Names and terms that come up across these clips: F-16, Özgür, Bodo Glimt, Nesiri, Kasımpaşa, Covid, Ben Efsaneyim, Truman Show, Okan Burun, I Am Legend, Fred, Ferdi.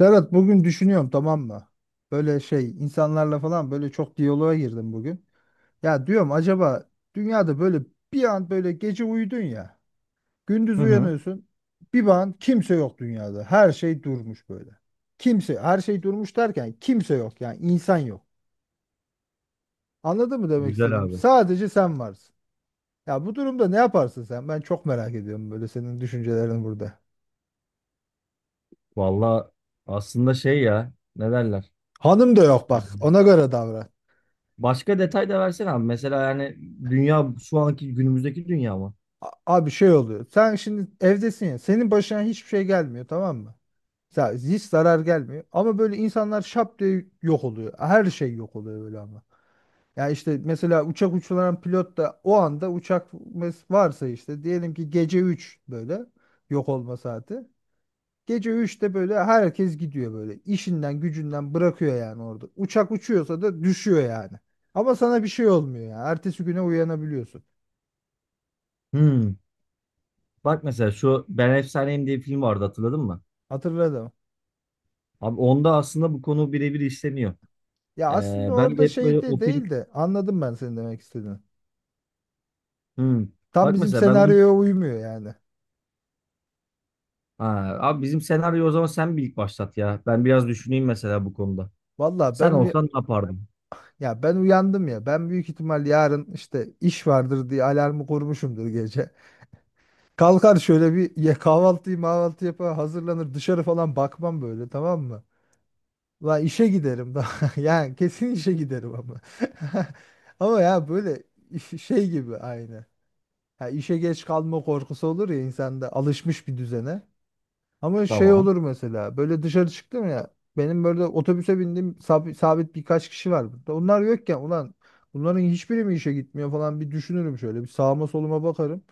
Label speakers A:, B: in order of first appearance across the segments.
A: Serhat, bugün düşünüyorum tamam mı? Böyle şey insanlarla falan böyle çok diyaloğa girdim bugün. Ya diyorum acaba dünyada böyle bir an böyle gece uyudun ya. Gündüz
B: Hı hı.
A: uyanıyorsun. Bir an kimse yok dünyada. Her şey durmuş böyle. Kimse her şey durmuş derken kimse yok yani insan yok. Anladın mı demek
B: Güzel
A: istediğim?
B: abi.
A: Sadece sen varsın. Ya bu durumda ne yaparsın sen? Ben çok merak ediyorum böyle senin düşüncelerin burada.
B: Valla aslında şey ya ne derler?
A: Hanım da yok
B: Ee,
A: bak, ona göre davran.
B: Başka detay da versene abi. Mesela yani dünya şu anki günümüzdeki dünya mı?
A: Abi şey oluyor. Sen şimdi evdesin ya. Senin başına hiçbir şey gelmiyor tamam mı? Ya hiç zarar gelmiyor. Ama böyle insanlar şap diye yok oluyor. Her şey yok oluyor böyle ama. Ya işte mesela uçak uçuran pilot da o anda uçak varsa işte, diyelim ki gece 3 böyle yok olma saati. Gece üçte böyle herkes gidiyor böyle. İşinden gücünden bırakıyor yani orada. Uçak uçuyorsa da düşüyor yani. Ama sana bir şey olmuyor ya. Ertesi güne uyanabiliyorsun.
B: Hmm. Bak mesela şu Ben Efsaneyim diye bir film vardı, hatırladın mı?
A: Hatırladım.
B: Abi onda aslında bu konu birebir işleniyor.
A: Ya aslında
B: Ben de
A: orada
B: hep böyle
A: şey de
B: o film...
A: değil de, anladım ben senin demek istediğini.
B: Hmm.
A: Tam
B: Bak
A: bizim
B: mesela ben... onu-
A: senaryoya uymuyor yani.
B: Ha, abi bizim senaryo o zaman, sen bir ilk başlat ya. Ben biraz düşüneyim mesela bu konuda.
A: Valla
B: Sen olsan ne yapardın?
A: ya ben uyandım ya. Ben büyük ihtimal yarın işte iş vardır diye alarmı kurmuşumdur gece. Kalkar şöyle bir ye, kahvaltıyı mahvaltı yapar, hazırlanır, dışarı falan bakmam böyle tamam mı? Lan işe giderim daha. Yani kesin işe giderim ama. Ama ya böyle şey gibi aynı. Ya işe geç kalma korkusu olur ya insanda, alışmış bir düzene. Ama şey
B: Tamam.
A: olur mesela, böyle dışarı çıktım ya, benim böyle otobüse bindiğim sabit, birkaç kişi var burada. Onlar yokken, ulan bunların hiçbiri mi işe gitmiyor falan, bir düşünürüm, şöyle bir sağıma soluma bakarım.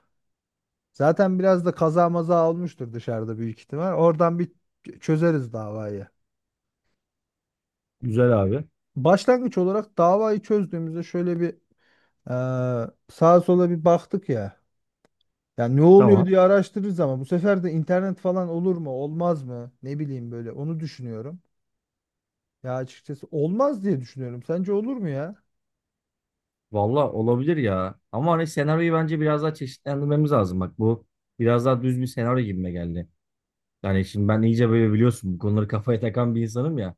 A: Zaten biraz da kaza maza olmuştur dışarıda büyük ihtimal. Oradan bir çözeriz davayı.
B: Güzel abi.
A: Başlangıç olarak davayı çözdüğümüzde, şöyle bir sağa sola bir baktık ya. Yani ne oluyor
B: Tamam.
A: diye araştırırız ama bu sefer de internet falan olur mu olmaz mı, ne bileyim, böyle onu düşünüyorum. Ya açıkçası olmaz diye düşünüyorum. Sence olur mu ya?
B: Valla olabilir ya. Ama hani senaryoyu bence biraz daha çeşitlendirmemiz lazım. Bak bu biraz daha düz bir senaryo gibime geldi. Yani şimdi ben iyice böyle biliyorsun, bu konuları kafaya takan bir insanım ya.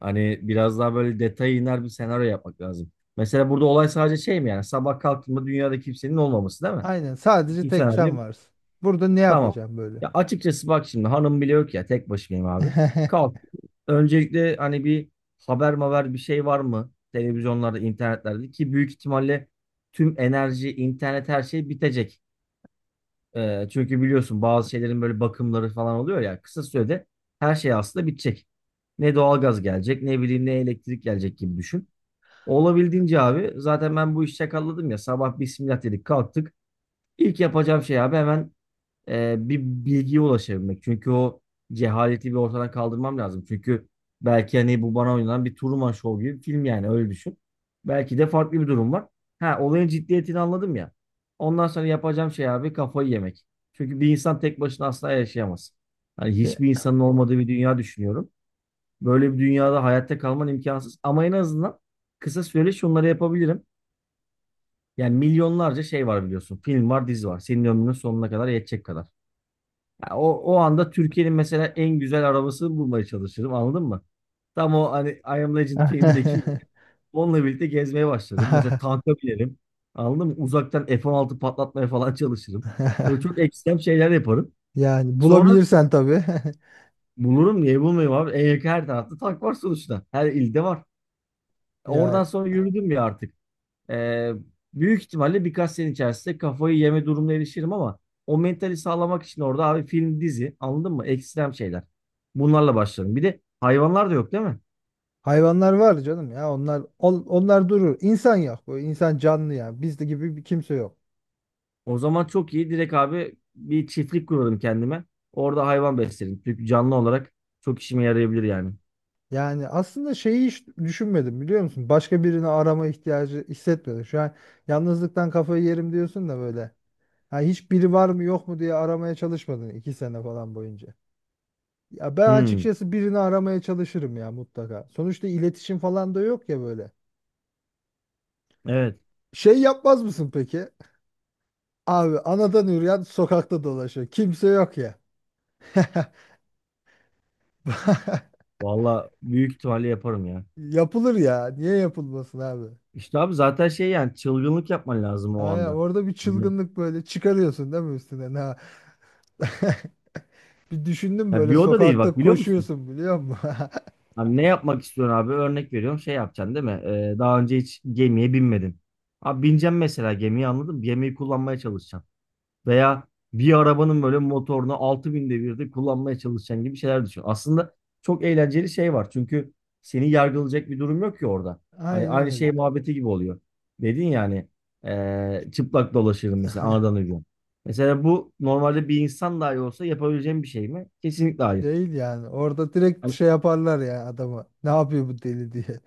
B: Hani biraz daha böyle detaya iner bir senaryo yapmak lazım. Mesela burada olay sadece şey mi, yani sabah kalktığımda dünyada kimsenin olmaması değil mi?
A: Aynen, sadece
B: Bu
A: tek
B: senaryo.
A: sen varsın. Burada ne
B: Tamam.
A: yapacağım böyle?
B: Ya açıkçası bak şimdi hanım bile yok ya, tek başımayım abi. Kalk. Öncelikle hani bir haber maver bir şey var mı? Televizyonlarda, internetlerde, ki büyük ihtimalle tüm enerji, internet her şey bitecek. Çünkü biliyorsun bazı şeylerin böyle bakımları falan oluyor ya, kısa sürede her şey aslında bitecek. Ne doğalgaz gelecek, ne bileyim ne elektrik gelecek, gibi düşün. Olabildiğince abi, zaten ben bu işi çakalladım ya, sabah bismillah dedik kalktık. İlk yapacağım şey abi hemen bir bilgiye ulaşabilmek. Çünkü o cehaleti bir ortadan kaldırmam lazım. Çünkü belki hani bu bana oynanan bir Truman Show gibi bir film, yani öyle düşün. Belki de farklı bir durum var. Ha, olayın ciddiyetini anladım ya. Ondan sonra yapacağım şey abi kafayı yemek. Çünkü bir insan tek başına asla yaşayamaz. Hani hiçbir
A: Ya-
B: insanın olmadığı bir dünya düşünüyorum. Böyle bir dünyada hayatta kalman imkansız. Ama en azından kısa süreli şunları yapabilirim. Yani milyonlarca şey var biliyorsun. Film var, dizi var. Senin ömrünün sonuna kadar yetecek kadar. Ya o, o anda Türkiye'nin mesela en güzel arabasını bulmaya çalışırım, anladın mı? Tam o hani I Am Legend filmindeki, onunla birlikte gezmeye başlarım. Mesela tanka binerim. Anladın mı? Uzaktan F-16 patlatmaya falan çalışırım. Böyle çok ekstrem şeyler yaparım.
A: Yani
B: Sonra
A: bulabilirsen tabii.
B: bulurum, niye bulmayayım abi? En yakın, her tarafta tank var sonuçta. Her ilde var. Oradan
A: Yani
B: sonra yürüdüm ya artık. Ee, Büyük ihtimalle birkaç sene içerisinde kafayı yeme durumuna erişirim ama o mentali sağlamak için orada abi, film, dizi anladın mı? Ekstrem şeyler. Bunlarla başlarım. Bir de hayvanlar da yok değil mi?
A: hayvanlar var canım ya, onlar onlar durur. İnsan yok. Bu insan canlı ya. Bizde gibi bir kimse yok.
B: O zaman çok iyi. Direkt abi bir çiftlik kurarım kendime. Orada hayvan beslerim. Çünkü canlı olarak çok işime yarayabilir yani.
A: Yani aslında şeyi hiç düşünmedim, biliyor musun? Başka birini arama ihtiyacı hissetmedim. Şu an yalnızlıktan kafayı yerim diyorsun da böyle. Ha, hiç biri var mı yok mu diye aramaya çalışmadın 2 sene falan boyunca. Ya ben
B: Hmm,
A: açıkçası birini aramaya çalışırım ya mutlaka. Sonuçta iletişim falan da yok ya böyle.
B: evet.
A: Şey yapmaz mısın peki? Abi anadan yürüyen sokakta dolaşıyor. Kimse yok ya.
B: Valla büyük ihtimalle yaparım ya.
A: Yapılır ya. Niye yapılmasın abi?
B: İşte abi zaten şey, yani çılgınlık yapman lazım o
A: Aynen,
B: anda.
A: orada bir
B: Hani-
A: çılgınlık böyle çıkarıyorsun değil mi üstüne? Ha. Bir düşündüm,
B: Ya bir
A: böyle
B: oda değil
A: sokakta
B: bak, biliyor musun?
A: koşuyorsun biliyor musun?
B: Abi ne yapmak istiyorsun abi? Örnek veriyorum, şey yapacaksın değil mi? Daha önce hiç gemiye binmedin. Abi bineceksin mesela gemiyi, anladın mı? Gemiyi kullanmaya çalışacaksın. Veya bir arabanın böyle motorunu 6000 binde birde kullanmaya çalışacaksın, gibi şeyler düşün. Aslında çok eğlenceli şey var. Çünkü seni yargılayacak bir durum yok ki orada. Hani
A: Aynen
B: aynı
A: öyle.
B: şey muhabbeti gibi oluyor. Dedin yani, çıplak dolaşırım mesela anadan ucu. Mesela bu normalde bir insan dahi olsa yapabileceğim bir şey mi? Kesinlikle hayır.
A: Değil yani. Orada direkt
B: Hani
A: şey yaparlar ya adama. Ne yapıyor bu deli diye.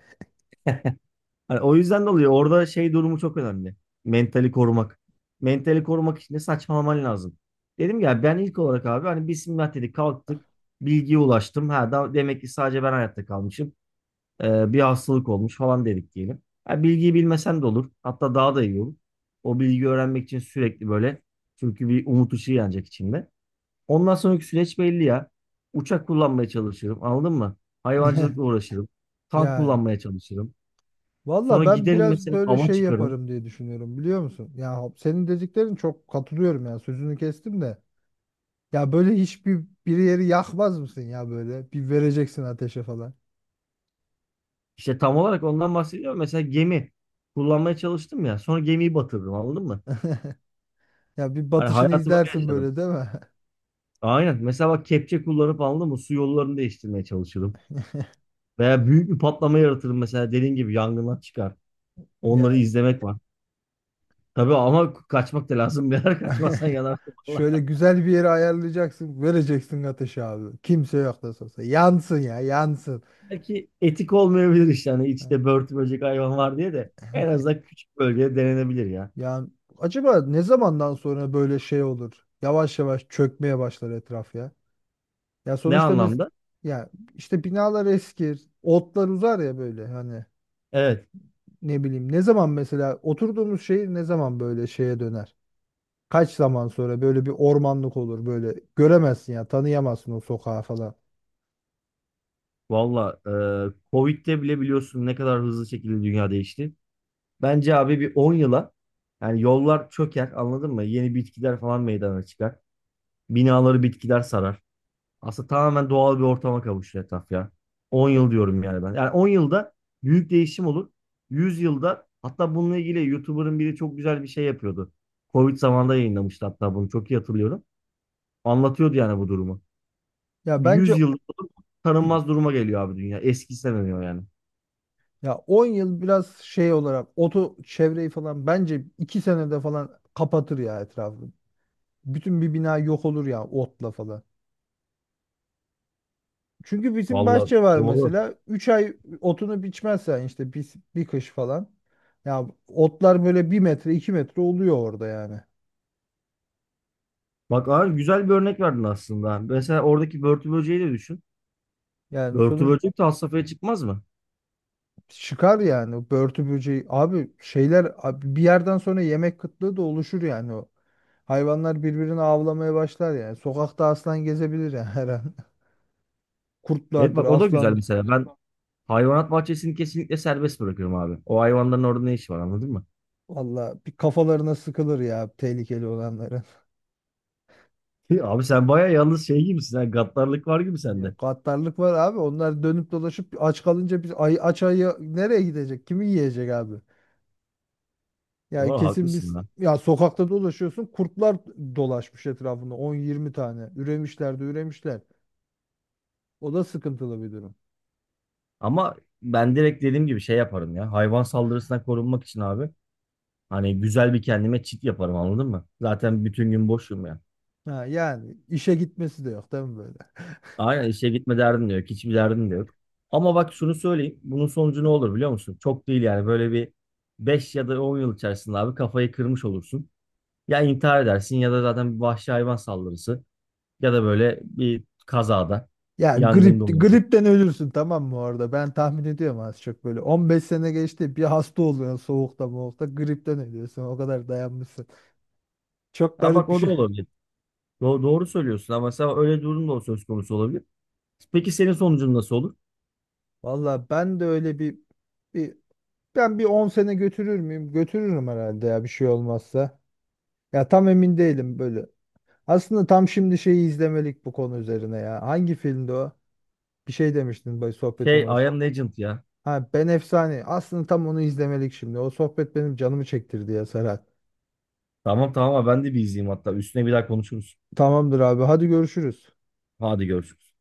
B: Hani o yüzden de oluyor. Orada şey durumu çok önemli. Mentali korumak. Mentali korumak için de saçmalaman lazım. Dedim ya, ben ilk olarak abi hani bismillah dedik kalktık. Bilgiye ulaştım. Ha da demek ki sadece ben hayatta kalmışım. Bir hastalık olmuş falan dedik diyelim. Ha, bilgiyi bilmesen de olur. Hatta daha da iyi olur. O bilgiyi öğrenmek için sürekli böyle. Çünkü bir umut ışığı yanacak içinde. Ondan sonraki süreç belli ya. Uçak kullanmaya çalışırım. Anladın mı? Hayvancılıkla uğraşırım. Tank
A: Yani
B: kullanmaya çalışırım.
A: valla
B: Sonra
A: ben
B: giderim
A: biraz
B: mesela,
A: böyle
B: ava
A: şey
B: çıkarım.
A: yaparım diye düşünüyorum, biliyor musun? Ya senin dediklerin, çok katılıyorum ya, sözünü kestim de. Ya böyle hiçbir bir yeri yakmaz mısın ya böyle? Bir vereceksin ateşe falan.
B: İşte tam olarak ondan bahsediyorum. Mesela gemi kullanmaya çalıştım ya. Sonra gemiyi batırdım, anladın mı?
A: Ya bir
B: Hani
A: batışını
B: hayatı böyle
A: izlersin
B: yaşadım.
A: böyle değil mi?
B: Aynen. Mesela bak kepçe kullanıp, anladın mı? Su yollarını değiştirmeye çalışırım. Veya büyük bir patlama yaratırım, mesela dediğin gibi yangınlar çıkar. Onları
A: Ya
B: izlemek var. Tabii ama kaçmak da lazım. Birader kaçmazsan yanarsın
A: şöyle
B: valla.
A: güzel bir yere ayarlayacaksın, vereceksin ateşe abi. Kimse yok nasıl olsa. Yansın ya yansın.
B: Belki etik olmayabilir işte. Hani içinde börtü böcek hayvan var diye de, en azından küçük bölgede denenebilir ya.
A: Yani acaba ne zamandan sonra böyle şey olur? Yavaş yavaş çökmeye başlar etraf ya. Ya
B: Ne
A: sonuçta
B: anlamda?
A: ya işte binalar eskir, otlar uzar ya böyle, hani
B: Evet.
A: ne bileyim, ne zaman mesela oturduğumuz şehir ne zaman böyle şeye döner? Kaç zaman sonra böyle bir ormanlık olur, böyle göremezsin ya, tanıyamazsın o sokağı falan.
B: Valla Covid'de bile biliyorsun ne kadar hızlı şekilde dünya değişti. Bence abi bir 10 yıla, yani yollar çöker anladın mı? Yeni bitkiler falan meydana çıkar. Binaları bitkiler sarar. Aslında tamamen doğal bir ortama kavuşur etraf ya. 10 yıl diyorum yani ben. Yani 10 yılda büyük değişim olur. 100 yılda, hatta bununla ilgili YouTuber'ın biri çok güzel bir şey yapıyordu. Covid zamanında yayınlamıştı, hatta bunu çok iyi hatırlıyorum. Anlatıyordu yani bu durumu.
A: Ya bence
B: 100 yılda tanınmaz duruma geliyor abi dünya. Eskisi demiyor yani.
A: ya 10 yıl biraz şey olarak, oto çevreyi falan bence 2 senede falan kapatır ya etrafı. Bütün bir bina yok olur ya otla falan. Çünkü bizim
B: Vallahi
A: bahçe var
B: doğru.
A: mesela. 3 ay otunu biçmezsen, işte bir kış falan. Ya otlar böyle 1 metre 2 metre oluyor orada yani.
B: Bak abi güzel bir örnek verdin aslında. Mesela oradaki börtü böceği de düşün.
A: Yani
B: Börtü
A: sonuç
B: böcek de has safhaya çıkmaz mı?
A: çıkar yani, börtü böceği. Abi şeyler abi, bir yerden sonra yemek kıtlığı da oluşur yani o. Hayvanlar birbirini avlamaya başlar yani. Sokakta aslan gezebilir yani her an.
B: Evet
A: Kurtlardır
B: bak, o da güzel
A: aslan.
B: mesela. Ben hayvanat bahçesini kesinlikle serbest bırakıyorum abi. O hayvanların orada ne işi var, anladın mı?
A: Valla bir kafalarına sıkılır ya tehlikeli olanların.
B: Abi sen baya yalnız şey gibisin. Ha, gaddarlık var gibi
A: Ya
B: sende.
A: gaddarlık var abi. Onlar dönüp dolaşıp aç kalınca, biz ay, aç ayı nereye gidecek? Kimi yiyecek abi? Ya
B: Doğru
A: kesin biz,
B: haklısın lan.
A: ya sokakta dolaşıyorsun, kurtlar dolaşmış etrafında 10-20 tane. Üremişler de üremişler. O da sıkıntılı bir durum.
B: Ama ben direkt dediğim gibi şey yaparım ya. Hayvan saldırısından korunmak için abi. Hani güzel bir kendime çit yaparım, anladın mı? Zaten bütün gün boşum ya.
A: Ha, yani işe gitmesi de yok değil mi böyle?
B: Aynen, işe gitme derdin de yok. Hiçbir derdin de yok. Ama bak şunu söyleyeyim. Bunun sonucu ne olur biliyor musun? Çok değil yani. Böyle bir 5 ya da 10 yıl içerisinde abi kafayı kırmış olursun. Ya intihar edersin, ya da zaten bir vahşi hayvan saldırısı. Ya da böyle bir kazada.
A: Ya
B: Yangında
A: grip,
B: olabilir.
A: gripten ölürsün tamam mı orada? Ben tahmin ediyorum az çok böyle. 15 sene geçti, bir hasta oluyorsun soğukta moğukta, gripten ölüyorsun. O kadar dayanmışsın. Çok
B: Ha bak,
A: garip bir
B: o da
A: şey.
B: olabilir. Doğru söylüyorsun ama mesela öyle durum da söz konusu olabilir. Peki senin sonucun nasıl olur?
A: Valla ben de öyle bir, ben bir 10 sene götürür müyüm? Götürürüm herhalde ya, bir şey olmazsa. Ya tam emin değilim böyle. Aslında tam şimdi şeyi izlemelik bu konu üzerine ya. Hangi filmdi o? Bir şey demiştin böyle
B: Şey,
A: sohbetin
B: I
A: başı.
B: am legend ya.
A: Ha, Ben Efsane. Aslında tam onu izlemelik şimdi. O sohbet benim canımı çektirdi ya Serhat.
B: Tamam tamam abi, ben de bir izleyeyim hatta. Üstüne bir daha konuşuruz.
A: Tamamdır abi, hadi görüşürüz.
B: Hadi görüşürüz.